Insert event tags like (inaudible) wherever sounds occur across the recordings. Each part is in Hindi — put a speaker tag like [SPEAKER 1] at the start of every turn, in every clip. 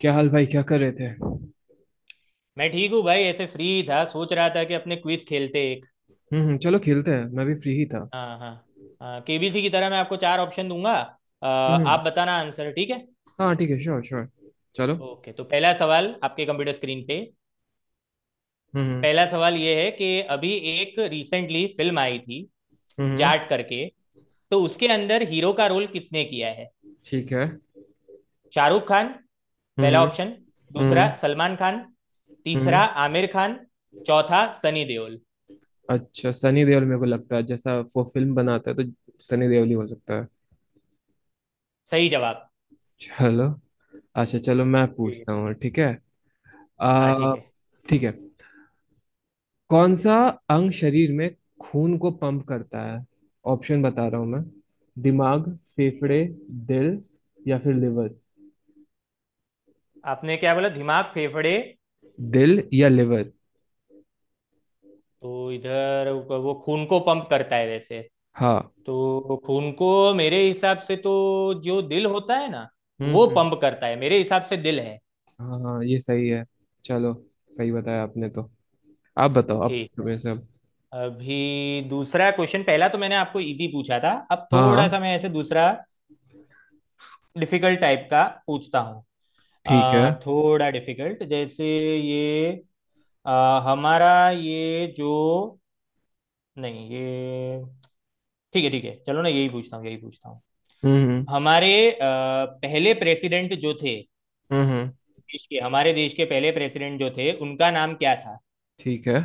[SPEAKER 1] क्या हाल भाई? क्या कर रहे थे? हम्म।
[SPEAKER 2] मैं ठीक हूँ भाई ऐसे फ्री था सोच रहा था कि अपने क्विज खेलते एक।
[SPEAKER 1] चलो खेलते हैं। मैं भी फ्री ही था।
[SPEAKER 2] हाँ हाँ। हाँ केबीसी की तरह मैं आपको चार ऑप्शन दूंगा।
[SPEAKER 1] हम्म।
[SPEAKER 2] आप बताना आंसर ठीक है।
[SPEAKER 1] हाँ, ठीक है, श्योर, श्योर। चलो।
[SPEAKER 2] ओके तो पहला सवाल आपके कंप्यूटर स्क्रीन पे।
[SPEAKER 1] हम्म।
[SPEAKER 2] पहला सवाल ये है कि अभी एक रिसेंटली फिल्म आई थी
[SPEAKER 1] हम्म, हम्म,
[SPEAKER 2] जाट करके। तो उसके अंदर हीरो का रोल किसने किया है।
[SPEAKER 1] ठीक है।
[SPEAKER 2] शाहरुख खान
[SPEAKER 1] हम्म
[SPEAKER 2] पहला
[SPEAKER 1] हम्म
[SPEAKER 2] ऑप्शन। दूसरा
[SPEAKER 1] हम्म
[SPEAKER 2] सलमान खान। तीसरा
[SPEAKER 1] हम्म।
[SPEAKER 2] आमिर खान। चौथा सनी देओल।
[SPEAKER 1] अच्छा, सनी देओल, मेरे को लगता है जैसा वो फिल्म बनाता है तो सनी देओल ही हो सकता है।
[SPEAKER 2] सही जवाब।
[SPEAKER 1] चलो। अच्छा, चलो, मैं
[SPEAKER 2] ठीक है।
[SPEAKER 1] पूछता हूँ, ठीक है।
[SPEAKER 2] हाँ
[SPEAKER 1] आ
[SPEAKER 2] ठीक है ठीक
[SPEAKER 1] ठीक है। कौन सा अंग शरीर में खून को पंप करता है? ऑप्शन बता रहा हूँ मैं: दिमाग,
[SPEAKER 2] है।
[SPEAKER 1] फेफड़े, दिल या फिर लिवर।
[SPEAKER 2] आपने क्या बोला, दिमाग, फेफड़े।
[SPEAKER 1] दिल या लिवर।
[SPEAKER 2] तो इधर वो खून को पंप करता है वैसे।
[SPEAKER 1] हाँ।
[SPEAKER 2] तो खून को मेरे हिसाब से तो जो दिल होता है ना
[SPEAKER 1] हम्म
[SPEAKER 2] वो
[SPEAKER 1] हम्म,
[SPEAKER 2] पंप करता है, मेरे हिसाब से दिल है।
[SPEAKER 1] हाँ हाँ ये सही है। चलो। सही बताया आपने तो। आप बताओ, आप
[SPEAKER 2] ठीक
[SPEAKER 1] पूछो
[SPEAKER 2] है।
[SPEAKER 1] मेरे से अब।
[SPEAKER 2] अभी दूसरा क्वेश्चन, पहला तो मैंने आपको इजी पूछा था। अब
[SPEAKER 1] हाँ
[SPEAKER 2] थोड़ा सा
[SPEAKER 1] हाँ,
[SPEAKER 2] मैं ऐसे दूसरा डिफिकल्ट टाइप का पूछता हूँ।
[SPEAKER 1] ठीक है।
[SPEAKER 2] थोड़ा डिफिकल्ट जैसे ये हमारा ये जो नहीं ये। ठीक है चलो ना, यही पूछता हूँ यही पूछता हूँ।
[SPEAKER 1] हम्म हम्म
[SPEAKER 2] हमारे पहले प्रेसिडेंट जो थे,
[SPEAKER 1] हम्म हम्म,
[SPEAKER 2] देश के हमारे देश के पहले प्रेसिडेंट जो थे उनका नाम क्या था।
[SPEAKER 1] ठीक है।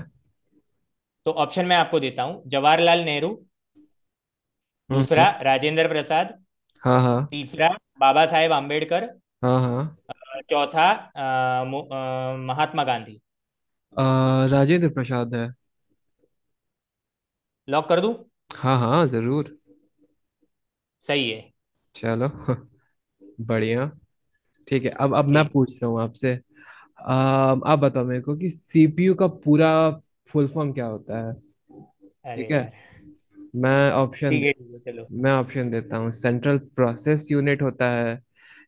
[SPEAKER 2] तो ऑप्शन मैं आपको देता हूँ, जवाहरलाल नेहरू।
[SPEAKER 1] हम्म
[SPEAKER 2] दूसरा
[SPEAKER 1] हम्म,
[SPEAKER 2] राजेंद्र प्रसाद।
[SPEAKER 1] हाँ हाँ
[SPEAKER 2] तीसरा बाबा साहेब आम्बेडकर।
[SPEAKER 1] हाँ हाँ।
[SPEAKER 2] चौथा महात्मा गांधी।
[SPEAKER 1] राजेंद्र प्रसाद है।
[SPEAKER 2] लॉक कर दूं।
[SPEAKER 1] हाँ हाँ, जरूर।
[SPEAKER 2] सही है।
[SPEAKER 1] चलो (laughs) बढ़िया। ठीक है। अब मैं
[SPEAKER 2] ठीक।
[SPEAKER 1] पूछता हूँ आपसे। आप बताओ मेरे को कि सीपीयू का पूरा फुल फॉर्म क्या होता है? ठीक
[SPEAKER 2] अरे
[SPEAKER 1] है।
[SPEAKER 2] यार
[SPEAKER 1] मैं ऑप्शन
[SPEAKER 2] ठीक है चलो।
[SPEAKER 1] मैं ऑप्शन देता हूँ। सेंट्रल प्रोसेस यूनिट होता है,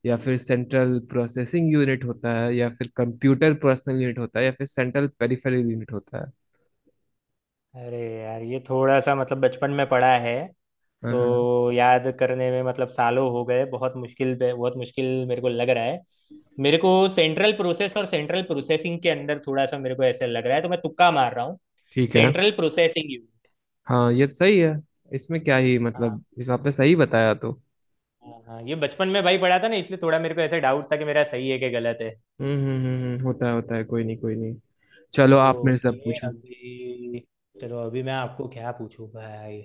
[SPEAKER 1] या फिर सेंट्रल प्रोसेसिंग यूनिट होता है, या फिर कंप्यूटर पर्सनल यूनिट होता है, या फिर सेंट्रल पेरिफेरल यूनिट होता है।
[SPEAKER 2] अरे यार ये थोड़ा सा मतलब बचपन में पढ़ा है।
[SPEAKER 1] हाँ हाँ,
[SPEAKER 2] तो याद करने में मतलब सालों हो गए, बहुत मुश्किल मेरे को लग रहा है। मेरे को सेंट्रल प्रोसेस और सेंट्रल प्रोसेसिंग के अंदर थोड़ा सा मेरे को ऐसा लग रहा है, तो मैं तुक्का मार रहा हूँ।
[SPEAKER 1] ठीक है।
[SPEAKER 2] Central processing unit.
[SPEAKER 1] हाँ, ये तो सही है। इसमें क्या ही
[SPEAKER 2] हाँ
[SPEAKER 1] मतलब, इस आपने सही
[SPEAKER 2] हाँ
[SPEAKER 1] बताया तो।
[SPEAKER 2] हाँ हाँ, ये बचपन में भाई पढ़ा था ना, इसलिए थोड़ा मेरे को ऐसा डाउट था कि मेरा सही है कि गलत है।
[SPEAKER 1] होता है होता है, कोई नहीं कोई नहीं। चलो, आप मेरे से अब
[SPEAKER 2] ओके
[SPEAKER 1] पूछो।
[SPEAKER 2] अभी चलो, अभी मैं आपको क्या पूछूं भाई।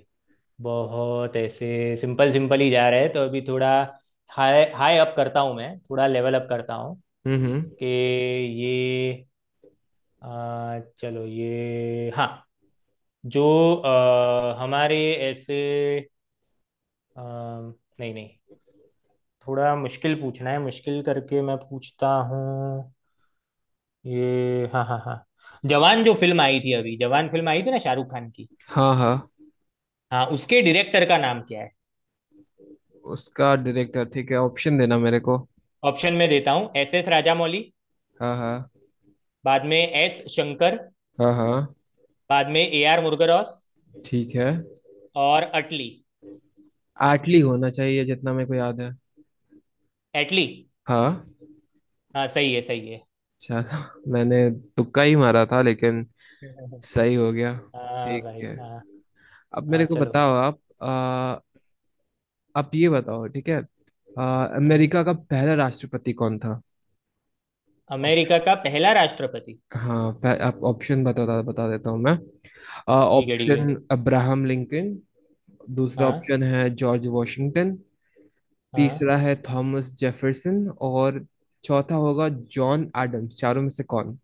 [SPEAKER 2] बहुत ऐसे सिंपल सिंपल ही जा रहे हैं, तो अभी थोड़ा हाई हाई अप करता हूँ, मैं थोड़ा लेवल अप करता हूँ
[SPEAKER 1] हम्म।
[SPEAKER 2] कि ये अ, चलो ये हाँ जो हमारे ऐसे अ, नहीं नहीं थोड़ा मुश्किल पूछना है, मुश्किल करके मैं पूछता हूँ। ये हाँ हाँ हाँ जवान जो फिल्म आई थी, अभी जवान फिल्म आई थी ना शाहरुख खान की।
[SPEAKER 1] हाँ हाँ।
[SPEAKER 2] हाँ उसके डायरेक्टर का नाम क्या है।
[SPEAKER 1] उसका डायरेक्टर ठीक है, ऑप्शन देना मेरे को।
[SPEAKER 2] ऑप्शन में देता हूँ एस एस राजामौली।
[SPEAKER 1] हाँ हाँ
[SPEAKER 2] बाद में एस शंकर।
[SPEAKER 1] हाँ हाँ,
[SPEAKER 2] बाद में ए आर मुरुगदॉस।
[SPEAKER 1] ठीक है।
[SPEAKER 2] और अटली।
[SPEAKER 1] आटली होना चाहिए, जितना मेरे को याद है।
[SPEAKER 2] एटली।
[SPEAKER 1] हाँ।
[SPEAKER 2] हाँ सही है सही है।
[SPEAKER 1] चलो (laughs) मैंने तुक्का ही मारा था लेकिन
[SPEAKER 2] (laughs)
[SPEAKER 1] सही हो गया।
[SPEAKER 2] हाँ
[SPEAKER 1] ठीक
[SPEAKER 2] भाई
[SPEAKER 1] है।
[SPEAKER 2] हाँ।
[SPEAKER 1] अब
[SPEAKER 2] हाँ
[SPEAKER 1] मेरे को
[SPEAKER 2] चलो।
[SPEAKER 1] बताओ आप। आप ये बताओ, ठीक है। अ,
[SPEAKER 2] हाँ
[SPEAKER 1] अमेरिका का पहला राष्ट्रपति कौन था?
[SPEAKER 2] अमेरिका का पहला राष्ट्रपति।
[SPEAKER 1] हाँ, आप ऑप्शन, बता बता देता हूँ मैं।
[SPEAKER 2] ठीक है ठीक है।
[SPEAKER 1] Option Abraham Lincoln. दूसरा
[SPEAKER 2] हाँ
[SPEAKER 1] ऑप्शन है जॉर्ज वॉशिंगटन।
[SPEAKER 2] हाँ।
[SPEAKER 1] तीसरा है थॉमस जेफरसन और चौथा होगा जॉन एडम्स। चारों में से कौन?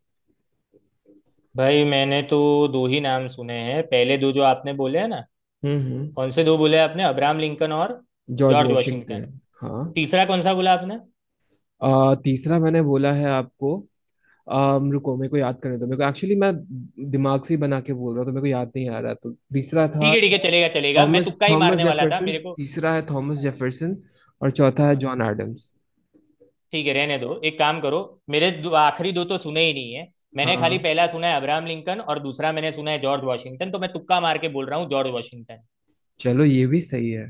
[SPEAKER 2] भाई मैंने तो दो ही नाम सुने हैं, पहले दो जो आपने बोले हैं ना। कौन
[SPEAKER 1] हम्म।
[SPEAKER 2] से दो बोले आपने, अब्राहम लिंकन और
[SPEAKER 1] जॉर्ज
[SPEAKER 2] जॉर्ज वाशिंगटन।
[SPEAKER 1] वॉशिंगटन, हाँ।
[SPEAKER 2] तीसरा कौन सा बोला आपने।
[SPEAKER 1] तीसरा मैंने बोला है आपको। रुको, मेरे को याद करने दो। मेरे को एक्चुअली मैं दिमाग से ही बना के बोल रहा हूँ तो मेरे को याद नहीं आ रहा। तो तीसरा था
[SPEAKER 2] ठीक है चलेगा चलेगा, मैं
[SPEAKER 1] थॉमस
[SPEAKER 2] तुक्का ही
[SPEAKER 1] थॉमस
[SPEAKER 2] मारने वाला था
[SPEAKER 1] जेफरसन।
[SPEAKER 2] मेरे को।
[SPEAKER 1] तीसरा है थॉमस जेफरसन, और चौथा है
[SPEAKER 2] हाँ
[SPEAKER 1] जॉन एडम्स।
[SPEAKER 2] ठीक है रहने दो, एक काम करो। मेरे दो, आखिरी दो तो सुने ही नहीं है। मैंने खाली
[SPEAKER 1] हाँ।
[SPEAKER 2] पहला सुना है अब्राहम लिंकन और दूसरा मैंने सुना है जॉर्ज वाशिंगटन, तो मैं तुक्का मार के बोल रहा हूँ जॉर्ज वाशिंगटन।
[SPEAKER 1] चलो, ये भी सही है।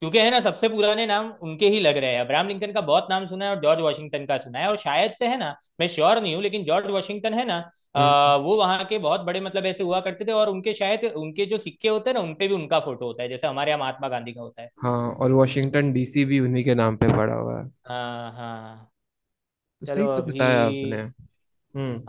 [SPEAKER 2] क्योंकि है ना, सबसे पुराने नाम उनके ही लग रहे हैं, अब्राहम लिंकन का बहुत नाम सुना है और जॉर्ज वाशिंगटन का सुना है, और शायद से है ना। मैं श्योर नहीं हूँ लेकिन जॉर्ज वाशिंगटन है ना।
[SPEAKER 1] हम्म।
[SPEAKER 2] वो वहाँ के बहुत बड़े मतलब ऐसे हुआ करते थे, और उनके शायद, उनके जो सिक्के होते हैं ना उनपे भी उनका फोटो होता है, जैसे हमारे यहाँ महात्मा गांधी का होता है।
[SPEAKER 1] हाँ, और वॉशिंगटन डीसी भी उन्हीं के नाम पे पड़ा हुआ है।
[SPEAKER 2] हाँ हाँ।
[SPEAKER 1] तो सही
[SPEAKER 2] चलो
[SPEAKER 1] तो
[SPEAKER 2] अभी।
[SPEAKER 1] बताया आपने।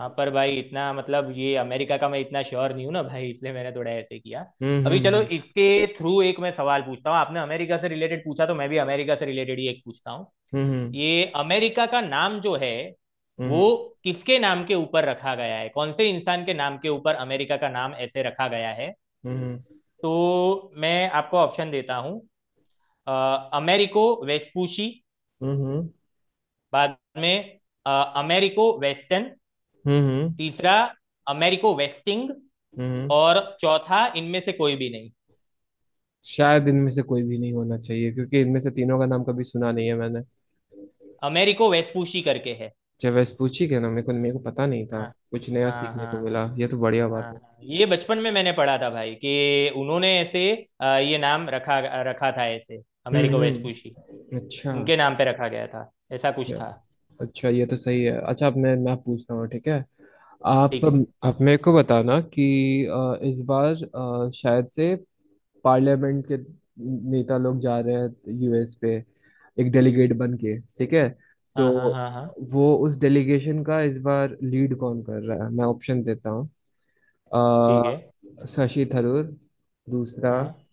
[SPEAKER 2] हाँ पर भाई इतना मतलब ये अमेरिका का मैं इतना श्योर नहीं हूँ ना भाई, इसलिए मैंने थोड़ा ऐसे किया।
[SPEAKER 1] हम्म
[SPEAKER 2] अभी चलो,
[SPEAKER 1] हम्म
[SPEAKER 2] इसके थ्रू एक मैं सवाल पूछता हूँ, आपने अमेरिका से रिलेटेड पूछा तो मैं भी अमेरिका से रिलेटेड ही एक पूछता हूँ।
[SPEAKER 1] हम्म
[SPEAKER 2] ये अमेरिका का नाम जो है, वो
[SPEAKER 1] हम्म
[SPEAKER 2] किसके नाम के ऊपर रखा गया है, कौन से इंसान के नाम के ऊपर अमेरिका का नाम ऐसे रखा गया है।
[SPEAKER 1] हम्म
[SPEAKER 2] तो मैं आपको ऑप्शन देता हूँ अ, अमेरिको वेस्पूशी।
[SPEAKER 1] हम्म हम्म
[SPEAKER 2] बाद में अ, अमेरिको वेस्टर्न।
[SPEAKER 1] हम्म
[SPEAKER 2] तीसरा अमेरिको वेस्टिंग।
[SPEAKER 1] हम्म।
[SPEAKER 2] और चौथा इनमें से कोई भी नहीं।
[SPEAKER 1] शायद इनमें से कोई भी नहीं होना चाहिए, क्योंकि इनमें से तीनों का नाम कभी सुना नहीं है मैंने।
[SPEAKER 2] अमेरिको वेस्पूशी करके है।
[SPEAKER 1] चाहे वेस्पूची के ना, मेरे को पता नहीं था।
[SPEAKER 2] हाँ
[SPEAKER 1] कुछ नया
[SPEAKER 2] हाँ।
[SPEAKER 1] सीखने
[SPEAKER 2] हाँ
[SPEAKER 1] को मिला, ये तो बढ़िया
[SPEAKER 2] हाँ
[SPEAKER 1] बात है।
[SPEAKER 2] हाँ। ये बचपन में मैंने पढ़ा था भाई कि उन्होंने ऐसे ये नाम रखा रखा था ऐसे अमेरिको वेस्पूशी।
[SPEAKER 1] हम्म, अच्छा।
[SPEAKER 2] उनके नाम पे रखा गया था, ऐसा कुछ था।
[SPEAKER 1] अच्छा अच्छा, ये तो सही है। अच्छा, अब मैं पूछता हूँ, ठीक है। आप
[SPEAKER 2] ठीक है।
[SPEAKER 1] आप मेरे को बताना कि इस बार, शायद से, पार्लियामेंट के नेता लोग जा रहे हैं यूएस पे एक डेलीगेट बन के, ठीक है। तो
[SPEAKER 2] हाँ हाँ हाँ हाँ।
[SPEAKER 1] वो उस डेलीगेशन का इस बार लीड कौन कर रहा है? मैं ऑप्शन देता हूँ।
[SPEAKER 2] ठीक है।
[SPEAKER 1] शशि थरूर। दूसरा,
[SPEAKER 2] हाँ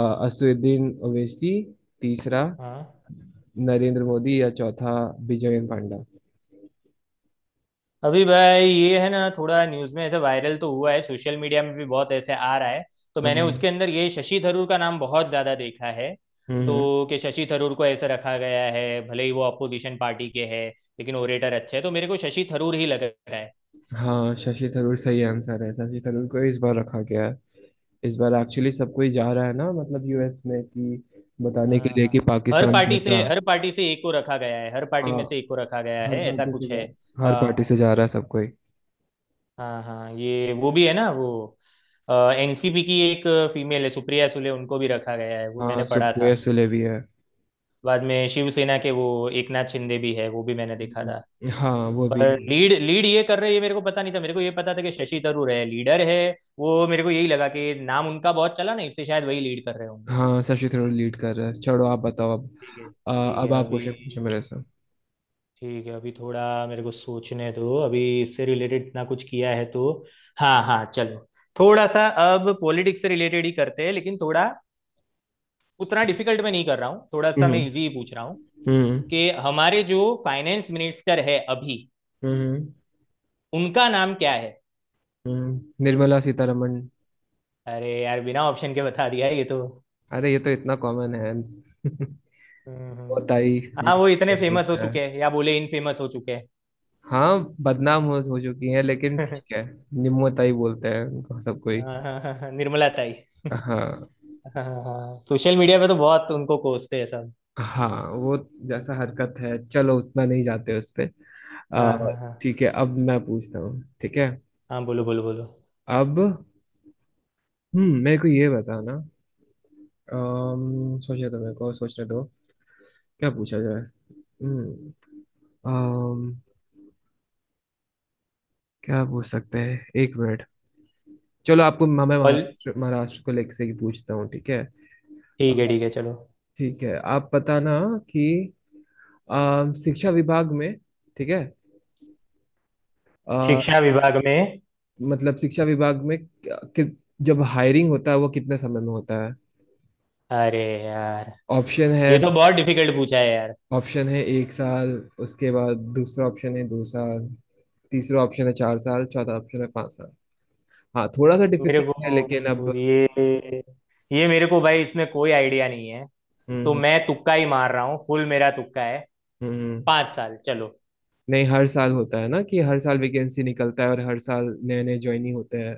[SPEAKER 1] अ, असदुद्दीन ओवैसी। तीसरा,
[SPEAKER 2] हाँ।
[SPEAKER 1] नरेंद्र मोदी, या चौथा, विजयन पांडा।
[SPEAKER 2] अभी भाई, ये है ना थोड़ा न्यूज़ में ऐसे वायरल तो हुआ है, सोशल मीडिया में भी बहुत ऐसे आ रहा है, तो मैंने
[SPEAKER 1] हम्म
[SPEAKER 2] उसके अंदर ये शशि थरूर का नाम बहुत ज़्यादा देखा है।
[SPEAKER 1] हम्म।
[SPEAKER 2] तो कि शशि थरूर को ऐसे रखा गया है, भले ही वो अपोजिशन पार्टी के है, लेकिन ओरेटर अच्छे है, तो मेरे को शशि थरूर ही लग रहा है।
[SPEAKER 1] हाँ, शशि थरूर सही आंसर है। शशि थरूर को इस बार रखा गया। इस बार एक्चुअली सब कोई जा रहा है ना, मतलब यूएस में, कि बताने के
[SPEAKER 2] हाँ
[SPEAKER 1] लिए
[SPEAKER 2] हाँ।
[SPEAKER 1] कि
[SPEAKER 2] हर
[SPEAKER 1] पाकिस्तान
[SPEAKER 2] पार्टी से,
[SPEAKER 1] कैसा।
[SPEAKER 2] हर पार्टी से एक को रखा गया है, हर पार्टी
[SPEAKER 1] हाँ।
[SPEAKER 2] में से एक को रखा गया
[SPEAKER 1] हर
[SPEAKER 2] है, ऐसा
[SPEAKER 1] पार्टी से
[SPEAKER 2] कुछ है।
[SPEAKER 1] जा हर पार्टी
[SPEAKER 2] अ,
[SPEAKER 1] से जा रहा है सब कोई।
[SPEAKER 2] हाँ हाँ ये वो भी है ना, वो एनसीपी की एक फीमेल है, सुप्रिया सुले, उनको भी रखा गया है, वो
[SPEAKER 1] हाँ,
[SPEAKER 2] मैंने पढ़ा
[SPEAKER 1] सुप्रिया
[SPEAKER 2] था।
[SPEAKER 1] सुले भी है।
[SPEAKER 2] बाद में शिवसेना के वो एकनाथ शिंदे भी है, वो भी मैंने देखा था।
[SPEAKER 1] हम्म। हाँ, वो भी
[SPEAKER 2] पर
[SPEAKER 1] है।
[SPEAKER 2] लीड लीड ये कर रहे हैं ये मेरे को पता नहीं था, मेरे को ये पता था कि शशि थरूर है लीडर है। वो मेरे को यही लगा कि नाम उनका बहुत चला ना, इससे शायद वही लीड कर रहे होंगे।
[SPEAKER 1] हाँ, शशि थरूर लीड कर रहा है। छोड़ो, आप बताओ अब। अ,
[SPEAKER 2] ठीक
[SPEAKER 1] अब
[SPEAKER 2] है
[SPEAKER 1] आप
[SPEAKER 2] अभी।
[SPEAKER 1] क्वेश्चन पूछो मेरे से।
[SPEAKER 2] ठीक है अभी थोड़ा मेरे को सोचने दो, अभी इससे रिलेटेड ना कुछ किया है तो। हाँ हाँ चलो। थोड़ा सा अब पॉलिटिक्स से रिलेटेड ही करते हैं, लेकिन थोड़ा उतना डिफिकल्ट में नहीं कर रहा हूँ, थोड़ा सा मैं
[SPEAKER 1] हम्म
[SPEAKER 2] इजी ही पूछ रहा हूँ
[SPEAKER 1] हम्म
[SPEAKER 2] कि हमारे जो फाइनेंस मिनिस्टर है अभी,
[SPEAKER 1] हम्म
[SPEAKER 2] उनका नाम क्या है।
[SPEAKER 1] निर्मला सीतारमण।
[SPEAKER 2] अरे यार बिना ऑप्शन के बता दिया ये तो।
[SPEAKER 1] अरे, ये तो इतना कॉमन है (laughs)
[SPEAKER 2] हम्म हम्म।
[SPEAKER 1] होता ही
[SPEAKER 2] हाँ वो इतने
[SPEAKER 1] जिसको
[SPEAKER 2] फेमस हो
[SPEAKER 1] बोलता है।
[SPEAKER 2] चुके हैं, या बोले इन फेमस हो चुके हैं।
[SPEAKER 1] हाँ, बदनाम हो चुकी है लेकिन, ठीक
[SPEAKER 2] (laughs)
[SPEAKER 1] है। निम्नताई बोलते हैं उनको सब कोई।
[SPEAKER 2] हाँ हाँ हाँ हाँ, निर्मला ताई। (laughs)
[SPEAKER 1] हाँ
[SPEAKER 2] हाँ हाँ, सोशल मीडिया पे तो बहुत उनको कोसते हैं सब।
[SPEAKER 1] हाँ, वो जैसा हरकत है, चलो उतना नहीं जाते उस पे।
[SPEAKER 2] हाँ
[SPEAKER 1] आ,
[SPEAKER 2] हाँ हाँ
[SPEAKER 1] ठीक है, अब मैं पूछता हूँ, ठीक है।
[SPEAKER 2] हाँ बोलो बोलो बोलो।
[SPEAKER 1] अब मेरे को ये बताना। सोचने दो, मेरे को सोचने दो, क्या पूछा जाए। हम्म अम, क्या पूछ सकते हैं, एक मिनट। चलो, आपको मैं
[SPEAKER 2] कॉल।
[SPEAKER 1] महाराष्ट्र महाराष्ट्र को लेकर से ही पूछता हूँ, ठीक है।
[SPEAKER 2] ठीक है चलो।
[SPEAKER 1] ठीक है, आप बताना कि शिक्षा विभाग में, ठीक है। अ,
[SPEAKER 2] शिक्षा विभाग में।
[SPEAKER 1] मतलब शिक्षा विभाग में कि जब हायरिंग होता है वो कितने समय में होता है?
[SPEAKER 2] अरे यार
[SPEAKER 1] ऑप्शन है
[SPEAKER 2] ये तो बहुत डिफिकल्ट पूछा है यार।
[SPEAKER 1] ऑप्शन है 1 साल, उसके बाद दूसरा ऑप्शन है 2 साल, तीसरा ऑप्शन है 4 साल, चौथा ऑप्शन है 5 साल। हाँ, थोड़ा सा
[SPEAKER 2] मेरे
[SPEAKER 1] डिफिकल्ट है लेकिन
[SPEAKER 2] को
[SPEAKER 1] अब।
[SPEAKER 2] ये मेरे को भाई, इसमें कोई आइडिया नहीं है।
[SPEAKER 1] हम्म
[SPEAKER 2] तो
[SPEAKER 1] हम्म
[SPEAKER 2] मैं तुक्का ही मार रहा हूँ, फुल मेरा तुक्का है।
[SPEAKER 1] हम्म।
[SPEAKER 2] 5 साल चलो।
[SPEAKER 1] नहीं, हर साल होता है ना, कि हर साल वैकेंसी निकलता है और हर साल नए नए ज्वाइनिंग होते हैं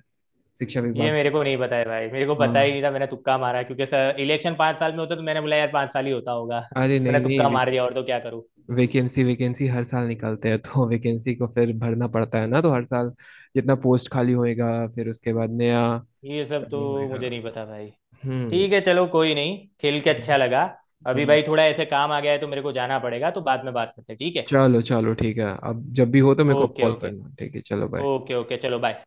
[SPEAKER 1] शिक्षा
[SPEAKER 2] ये
[SPEAKER 1] विभाग
[SPEAKER 2] मेरे
[SPEAKER 1] में।
[SPEAKER 2] को नहीं पता है भाई, मेरे को पता ही
[SPEAKER 1] हाँ,
[SPEAKER 2] नहीं था, मैंने तुक्का मारा क्योंकि सर इलेक्शन 5 साल में होता, तो मैंने बोला यार 5 साल ही होता होगा,
[SPEAKER 1] अरे
[SPEAKER 2] (laughs)
[SPEAKER 1] नहीं
[SPEAKER 2] मैंने
[SPEAKER 1] नहीं,
[SPEAKER 2] तुक्का मार दिया, और तो क्या करूँ।
[SPEAKER 1] वैकेंसी वैकेंसी हर साल निकलते हैं, तो वैकेंसी को फिर भरना पड़ता है ना, तो हर साल जितना पोस्ट खाली होएगा, फिर उसके बाद नया
[SPEAKER 2] ये सब तो
[SPEAKER 1] ओपनिंग होएगा।
[SPEAKER 2] मुझे नहीं
[SPEAKER 1] तो
[SPEAKER 2] पता भाई।
[SPEAKER 1] हम्म
[SPEAKER 2] ठीक है चलो कोई नहीं, खेल के
[SPEAKER 1] हम्म,
[SPEAKER 2] अच्छा लगा। अभी
[SPEAKER 1] हम्म।
[SPEAKER 2] भाई थोड़ा ऐसे काम आ गया है, तो मेरे को जाना पड़ेगा, तो बाद में बात करते हैं ठीक है।
[SPEAKER 1] चलो चलो, ठीक है, अब जब भी हो तो मेरे को
[SPEAKER 2] ओके
[SPEAKER 1] कॉल
[SPEAKER 2] ओके।
[SPEAKER 1] करना, ठीक है। चलो, बाय।
[SPEAKER 2] ओके ओके चलो बाय।